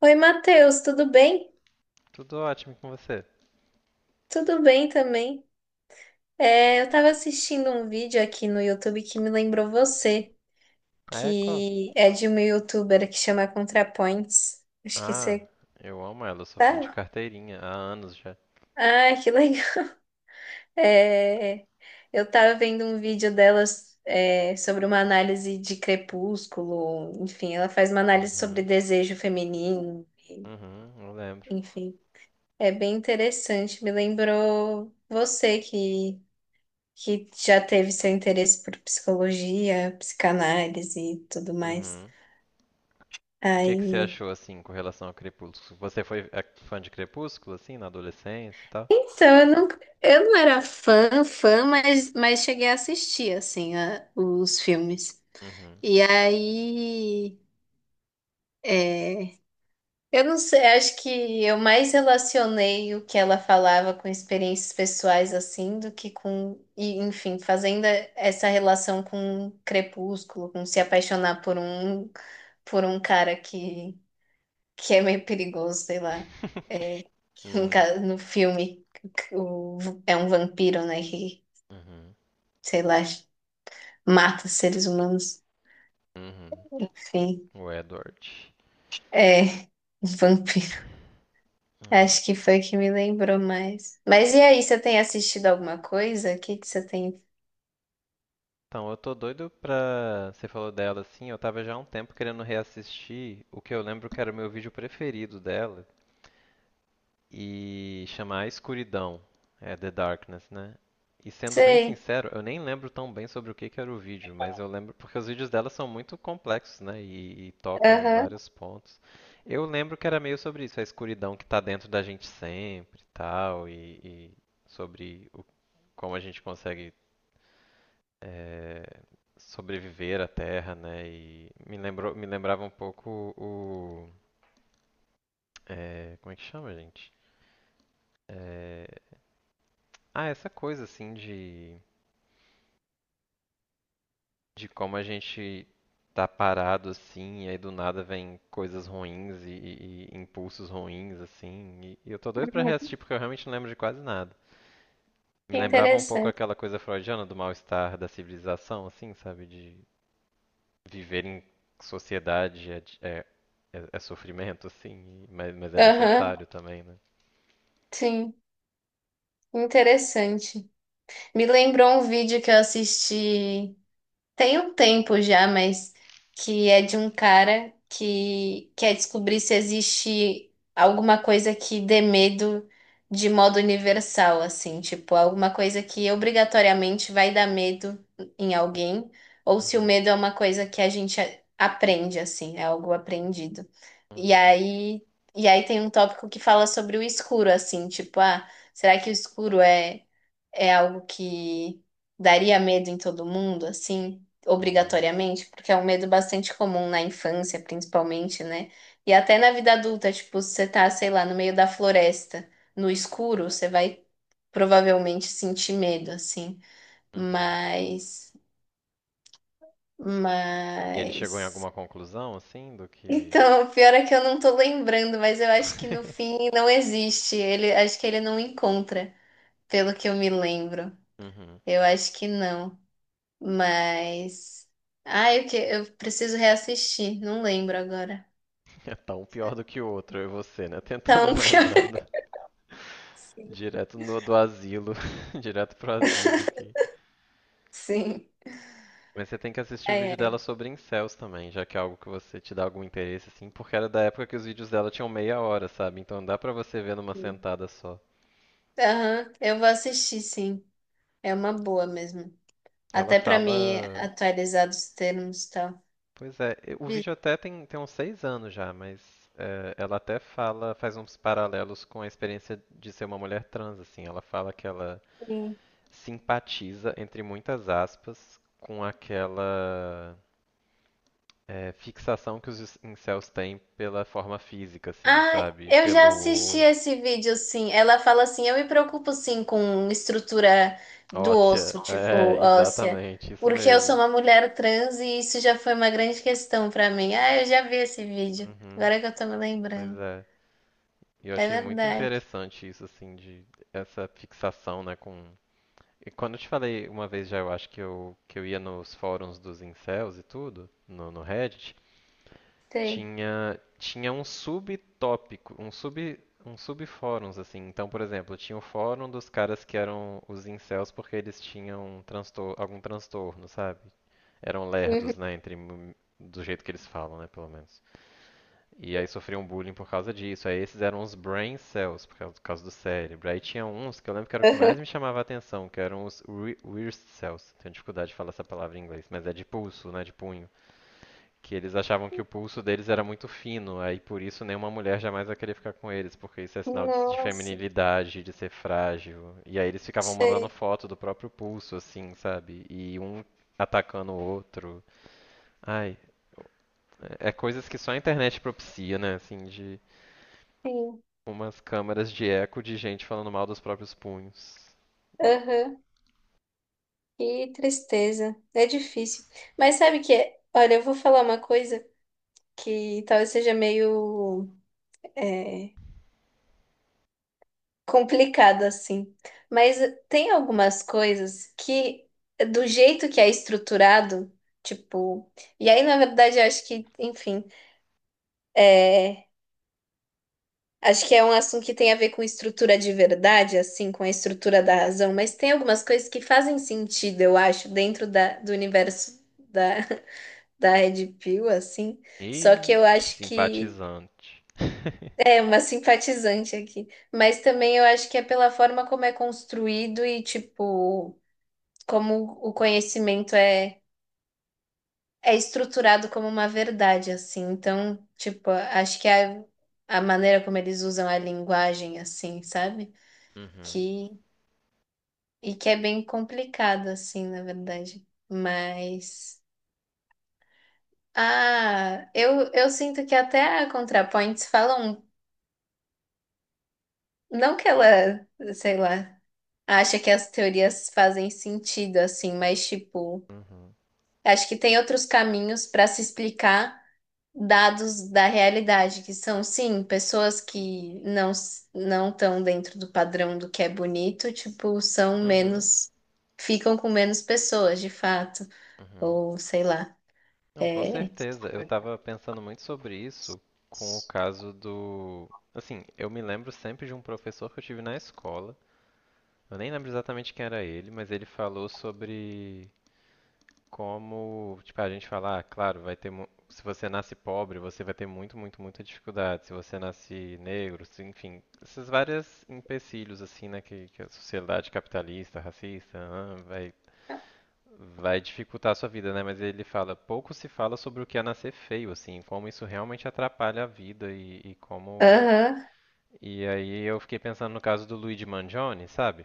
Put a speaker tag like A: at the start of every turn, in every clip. A: Oi, Matheus, tudo bem?
B: Tudo ótimo com você.
A: Tudo bem também. É, eu estava assistindo um vídeo aqui no YouTube que me lembrou você,
B: A Echo?
A: que é de uma YouTuber que chama ContraPoints. Acho que
B: Ah,
A: você
B: eu amo ela, eu sou fã de
A: tá.
B: carteirinha há anos já.
A: Ah, que legal. É, eu estava vendo um vídeo delas, é, sobre uma análise de Crepúsculo. Enfim, ela faz uma análise sobre
B: Uhum,
A: desejo feminino.
B: uhum, eu lembro.
A: Enfim, é bem interessante. Me lembrou você que já teve seu interesse por psicologia, psicanálise e tudo mais.
B: Uhum. O que que você
A: Aí,
B: achou assim com relação ao Crepúsculo? Você foi fã de Crepúsculo assim na adolescência e tal?
A: então, eu não era fã, fã, mas cheguei a assistir, assim, os filmes.
B: Uhum.
A: E aí, é, eu não sei, acho que eu mais relacionei o que ela falava com experiências pessoais, assim, do que com, e, enfim, fazendo essa relação com Crepúsculo, com se apaixonar por um cara que é meio perigoso, sei lá. É,
B: Uhum,
A: no filme, que é um vampiro, né? Que,
B: uhum,
A: sei lá, mata seres humanos.
B: uhum.
A: Enfim,
B: O Edward.
A: é um vampiro. Acho
B: É.
A: que foi que me lembrou mais. Mas e aí, você tem assistido alguma coisa? O que que você tem?
B: Então, eu tô doido pra. Você falou dela assim, eu tava já há um tempo querendo reassistir o que eu lembro que era o meu vídeo preferido dela, e chamar a escuridão, é The Darkness, né? E sendo bem
A: Sei,
B: sincero, eu nem lembro tão bem sobre o que que era o vídeo, mas eu lembro porque os vídeos dela são muito complexos, né? E tocam em
A: aham.
B: vários pontos. Eu lembro que era meio sobre isso, a escuridão que está dentro da gente sempre, e tal, e sobre o, como a gente consegue é, sobreviver à Terra, né? E me lembrou, me lembrava um pouco o, é, como é que chama, gente? É, essa coisa assim de como a gente tá parado assim, e aí do nada vem coisas ruins e impulsos ruins assim. E eu tô doido pra
A: Uhum.
B: reassistir porque eu realmente não lembro de quase nada. Me
A: Que
B: lembrava um pouco
A: interessante.
B: aquela coisa freudiana do mal-estar da civilização, assim, sabe? De viver em sociedade é, é sofrimento, assim, mas é
A: Aham,
B: necessário também, né?
A: sim, interessante. Me lembrou um vídeo que eu assisti. Tem um tempo já, mas que é de um cara que quer descobrir se existe alguma coisa que dê medo de modo universal, assim, tipo, alguma coisa que obrigatoriamente vai dar medo em alguém, ou se o
B: Uhum,
A: medo é uma coisa que a gente aprende, assim, é algo aprendido. E
B: uhum,
A: aí, e aí tem um tópico que fala sobre o escuro, assim, tipo, ah, será que o escuro é algo que daria medo em todo mundo, assim,
B: uhum,
A: obrigatoriamente, porque é um medo bastante comum na infância, principalmente, né? E até na vida adulta, tipo, se você tá, sei lá, no meio da floresta, no escuro, você vai provavelmente sentir medo, assim.
B: uhum.
A: Mas,
B: E ele chegou em
A: mas
B: alguma conclusão, assim, do que.
A: então, o pior é que eu não tô lembrando, mas eu acho que no fim não existe. Ele, acho que ele não encontra, pelo que eu me lembro.
B: Uhum.
A: Eu acho que não. Mas. Ai, o que? Eu preciso reassistir. Não lembro agora.
B: É, tá um pior do que o outro, eu e você, né?
A: Então,
B: Tentando lembrar
A: pior.
B: do-
A: Sim.
B: direto no- do asilo, direto pro asilo aqui.
A: Sim.
B: Mas você tem que assistir o
A: Ai,
B: vídeo
A: ai,
B: dela sobre incels também, já que é algo que você te dá algum interesse, assim, porque era da época que os vídeos dela tinham meia hora, sabe? Então dá pra você ver numa
A: sim.
B: sentada só.
A: Aham, eu vou assistir, sim. É uma boa mesmo.
B: Ela
A: Até pra me
B: fala.
A: atualizar dos termos e tal.
B: Pois é, o
A: Vi-
B: vídeo até tem, tem uns 6 anos já, mas é, ela até fala, faz uns paralelos com a experiência de ser uma mulher trans, assim. Ela fala que ela
A: Sim.
B: simpatiza, entre muitas aspas, com aquela fixação que os incels têm pela forma física, assim,
A: Ah,
B: sabe?
A: eu já
B: Pelo
A: assisti
B: osso.
A: esse vídeo, sim. Ela fala assim: eu me preocupo, sim, com estrutura do
B: Óssea,
A: osso,
B: é,
A: tipo óssea,
B: exatamente, isso
A: porque eu sou
B: mesmo.
A: uma mulher trans e isso já foi uma grande questão pra mim. Ah, eu já vi esse vídeo,
B: Uhum,
A: agora que eu tô me
B: pois
A: lembrando.
B: é. E eu
A: É
B: achei muito
A: verdade,
B: interessante isso, assim, de essa fixação, né, com... E quando eu te falei uma vez já, eu acho que eu ia nos fóruns dos incels e tudo, no Reddit.
A: sei.
B: Tinha um subtópico, um subfóruns, assim. Então, por exemplo, tinha o fórum dos caras que eram os incels porque eles tinham transtor algum transtorno, sabe? Eram
A: Uhum.
B: lerdos, né? Do jeito que eles falam, né? Pelo menos. E aí sofriam bullying por causa disso. Aí esses eram os brain cells, por causa do cérebro. Aí tinha uns que eu lembro que era o que
A: Aham.
B: mais me chamava a atenção, que eram os weird cells. Tenho dificuldade de falar essa palavra em inglês, mas é de pulso, né? De punho que eles achavam que o pulso deles era muito fino, aí por isso nenhuma mulher jamais vai querer ficar com eles, porque isso é sinal de
A: Nossa,
B: feminilidade, de ser frágil. E aí eles ficavam mandando
A: sei.
B: foto do próprio pulso, assim, sabe? E um atacando o outro. Ai, é coisas que só a internet propicia, né? Assim, de
A: Sim.
B: umas câmaras de eco de gente falando mal dos próprios punhos.
A: Aham. Que tristeza. É difícil. Mas sabe que, olha, eu vou falar uma coisa que talvez seja meio complicado assim. Mas tem algumas coisas que, do jeito que é estruturado, tipo. E aí, na verdade, eu acho que, enfim, é, acho que é um assunto que tem a ver com estrutura de verdade, assim, com a estrutura da razão, mas tem algumas coisas que fazem sentido, eu acho, dentro da, do universo da, da Red Pill, assim. Só que
B: E
A: eu acho que.
B: simpatizante.
A: É uma simpatizante aqui. Mas também eu acho que é pela forma como é construído e, tipo, como o conhecimento é, estruturado como uma verdade, assim. Então, tipo, acho que a maneira como eles usam a linguagem, assim, sabe?
B: Uhum,
A: Que, e que é bem complicado, assim, na verdade. Mas. Ah, eu sinto que até a ContraPoints falam. Não que ela, sei lá, acha que as teorias fazem sentido, assim, mas, tipo,
B: uhum,
A: acho que tem outros caminhos para se explicar dados da realidade, que são, sim, pessoas que não estão dentro do padrão do que é bonito, tipo, são
B: uhum,
A: menos, ficam com menos pessoas, de fato,
B: uhum.
A: ou sei lá.
B: Não, com
A: É...
B: certeza. Eu tava pensando muito sobre isso com o caso do. Assim, eu me lembro sempre de um professor que eu tive na escola. Eu nem lembro exatamente quem era ele, mas ele falou sobre como, tipo, a gente fala, ah, claro, se você nasce pobre, você vai ter muita dificuldade. Se você nasce negro, enfim, esses vários empecilhos assim, né, que a sociedade capitalista, racista, ah, vai dificultar a sua vida, né? Mas ele fala, pouco se fala sobre o que é nascer feio, assim, como isso realmente atrapalha a vida e como.
A: Aham.
B: E aí eu fiquei pensando no caso do Luigi Mangione, sabe?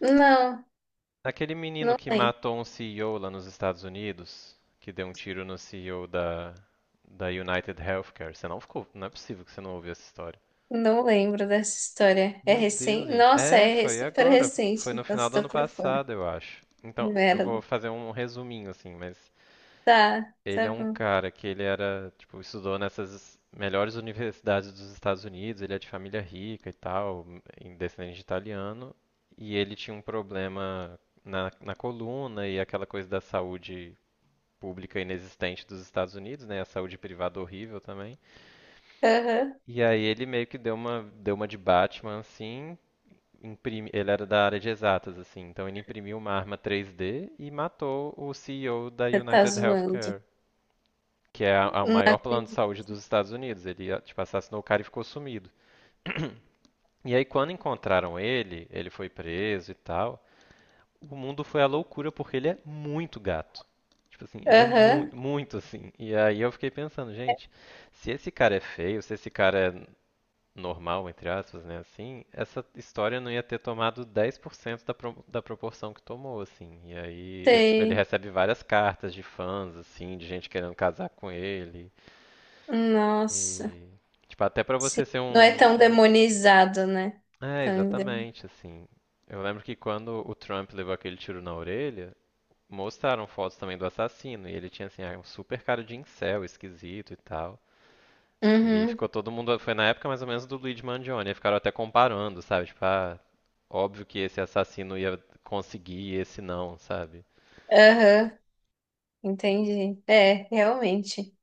A: Não,
B: Aquele menino
A: não
B: que
A: lembro.
B: matou um CEO lá nos Estados Unidos, que deu um tiro no CEO da United Healthcare. Você não ficou, não é possível que você não ouviu essa história.
A: Não lembro dessa história. É
B: Meu Deus,
A: recente?
B: gente.
A: Nossa,
B: É,
A: é
B: foi
A: super
B: agora. Foi
A: recente,
B: no
A: então
B: final do
A: estou
B: ano
A: por fora.
B: passado, eu acho.
A: Que
B: Então, eu vou
A: merda.
B: fazer um resuminho, assim, mas
A: Tá,
B: ele
A: tá
B: é um
A: bom.
B: cara que ele era, tipo, estudou nessas melhores universidades dos Estados Unidos, ele é de família rica e tal, descendente de italiano, e ele tinha um problema na coluna e aquela coisa da saúde pública inexistente dos Estados Unidos, né? A saúde privada horrível também.
A: Aham.
B: E aí ele meio que deu uma de Batman assim, ele era da área de exatas assim, então ele imprimiu uma arma 3D e matou o CEO da
A: Você tá
B: United
A: zoando.
B: Healthcare que é o maior plano de
A: Entendi.
B: saúde dos Estados Unidos. Ele, ah, tipo, assassinou o cara e ficou sumido. E aí, quando encontraram ele, ele foi preso e tal. O mundo foi à loucura porque ele é muito gato. Tipo assim, ele é
A: Aham.
B: muito assim. E aí eu fiquei pensando, gente, se esse cara é feio, se esse cara é normal, entre aspas, né, assim, essa história não ia ter tomado 10% da proporção que tomou, assim. E aí ele, tipo, ele
A: Sei.
B: recebe várias cartas de fãs, assim, de gente querendo casar com ele.
A: Nossa.
B: E, tipo, até pra
A: Sim,
B: você ser
A: não é tão
B: um-
A: demonizado, né?
B: É,
A: Tão ende-
B: exatamente, assim. Eu lembro que quando o Trump levou aquele tiro na orelha, mostraram fotos também do assassino. E ele tinha, assim, ah, um super cara de incel, esquisito e tal. E
A: Uhum,
B: ficou todo mundo. Foi na época mais ou menos do Luigi Mangione. E ficaram até comparando, sabe? Tipo, ah, óbvio que esse assassino ia conseguir e esse não, sabe?
A: aham, entendi. É, realmente.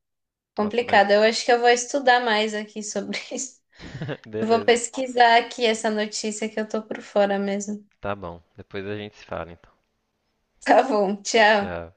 B: Nossa, mas.
A: Complicado. Eu acho que eu vou estudar mais aqui sobre isso. Eu vou
B: Beleza,
A: pesquisar aqui essa notícia que eu tô por fora mesmo.
B: tá bom. Depois a gente se fala, então.
A: Tá bom, tchau.
B: Já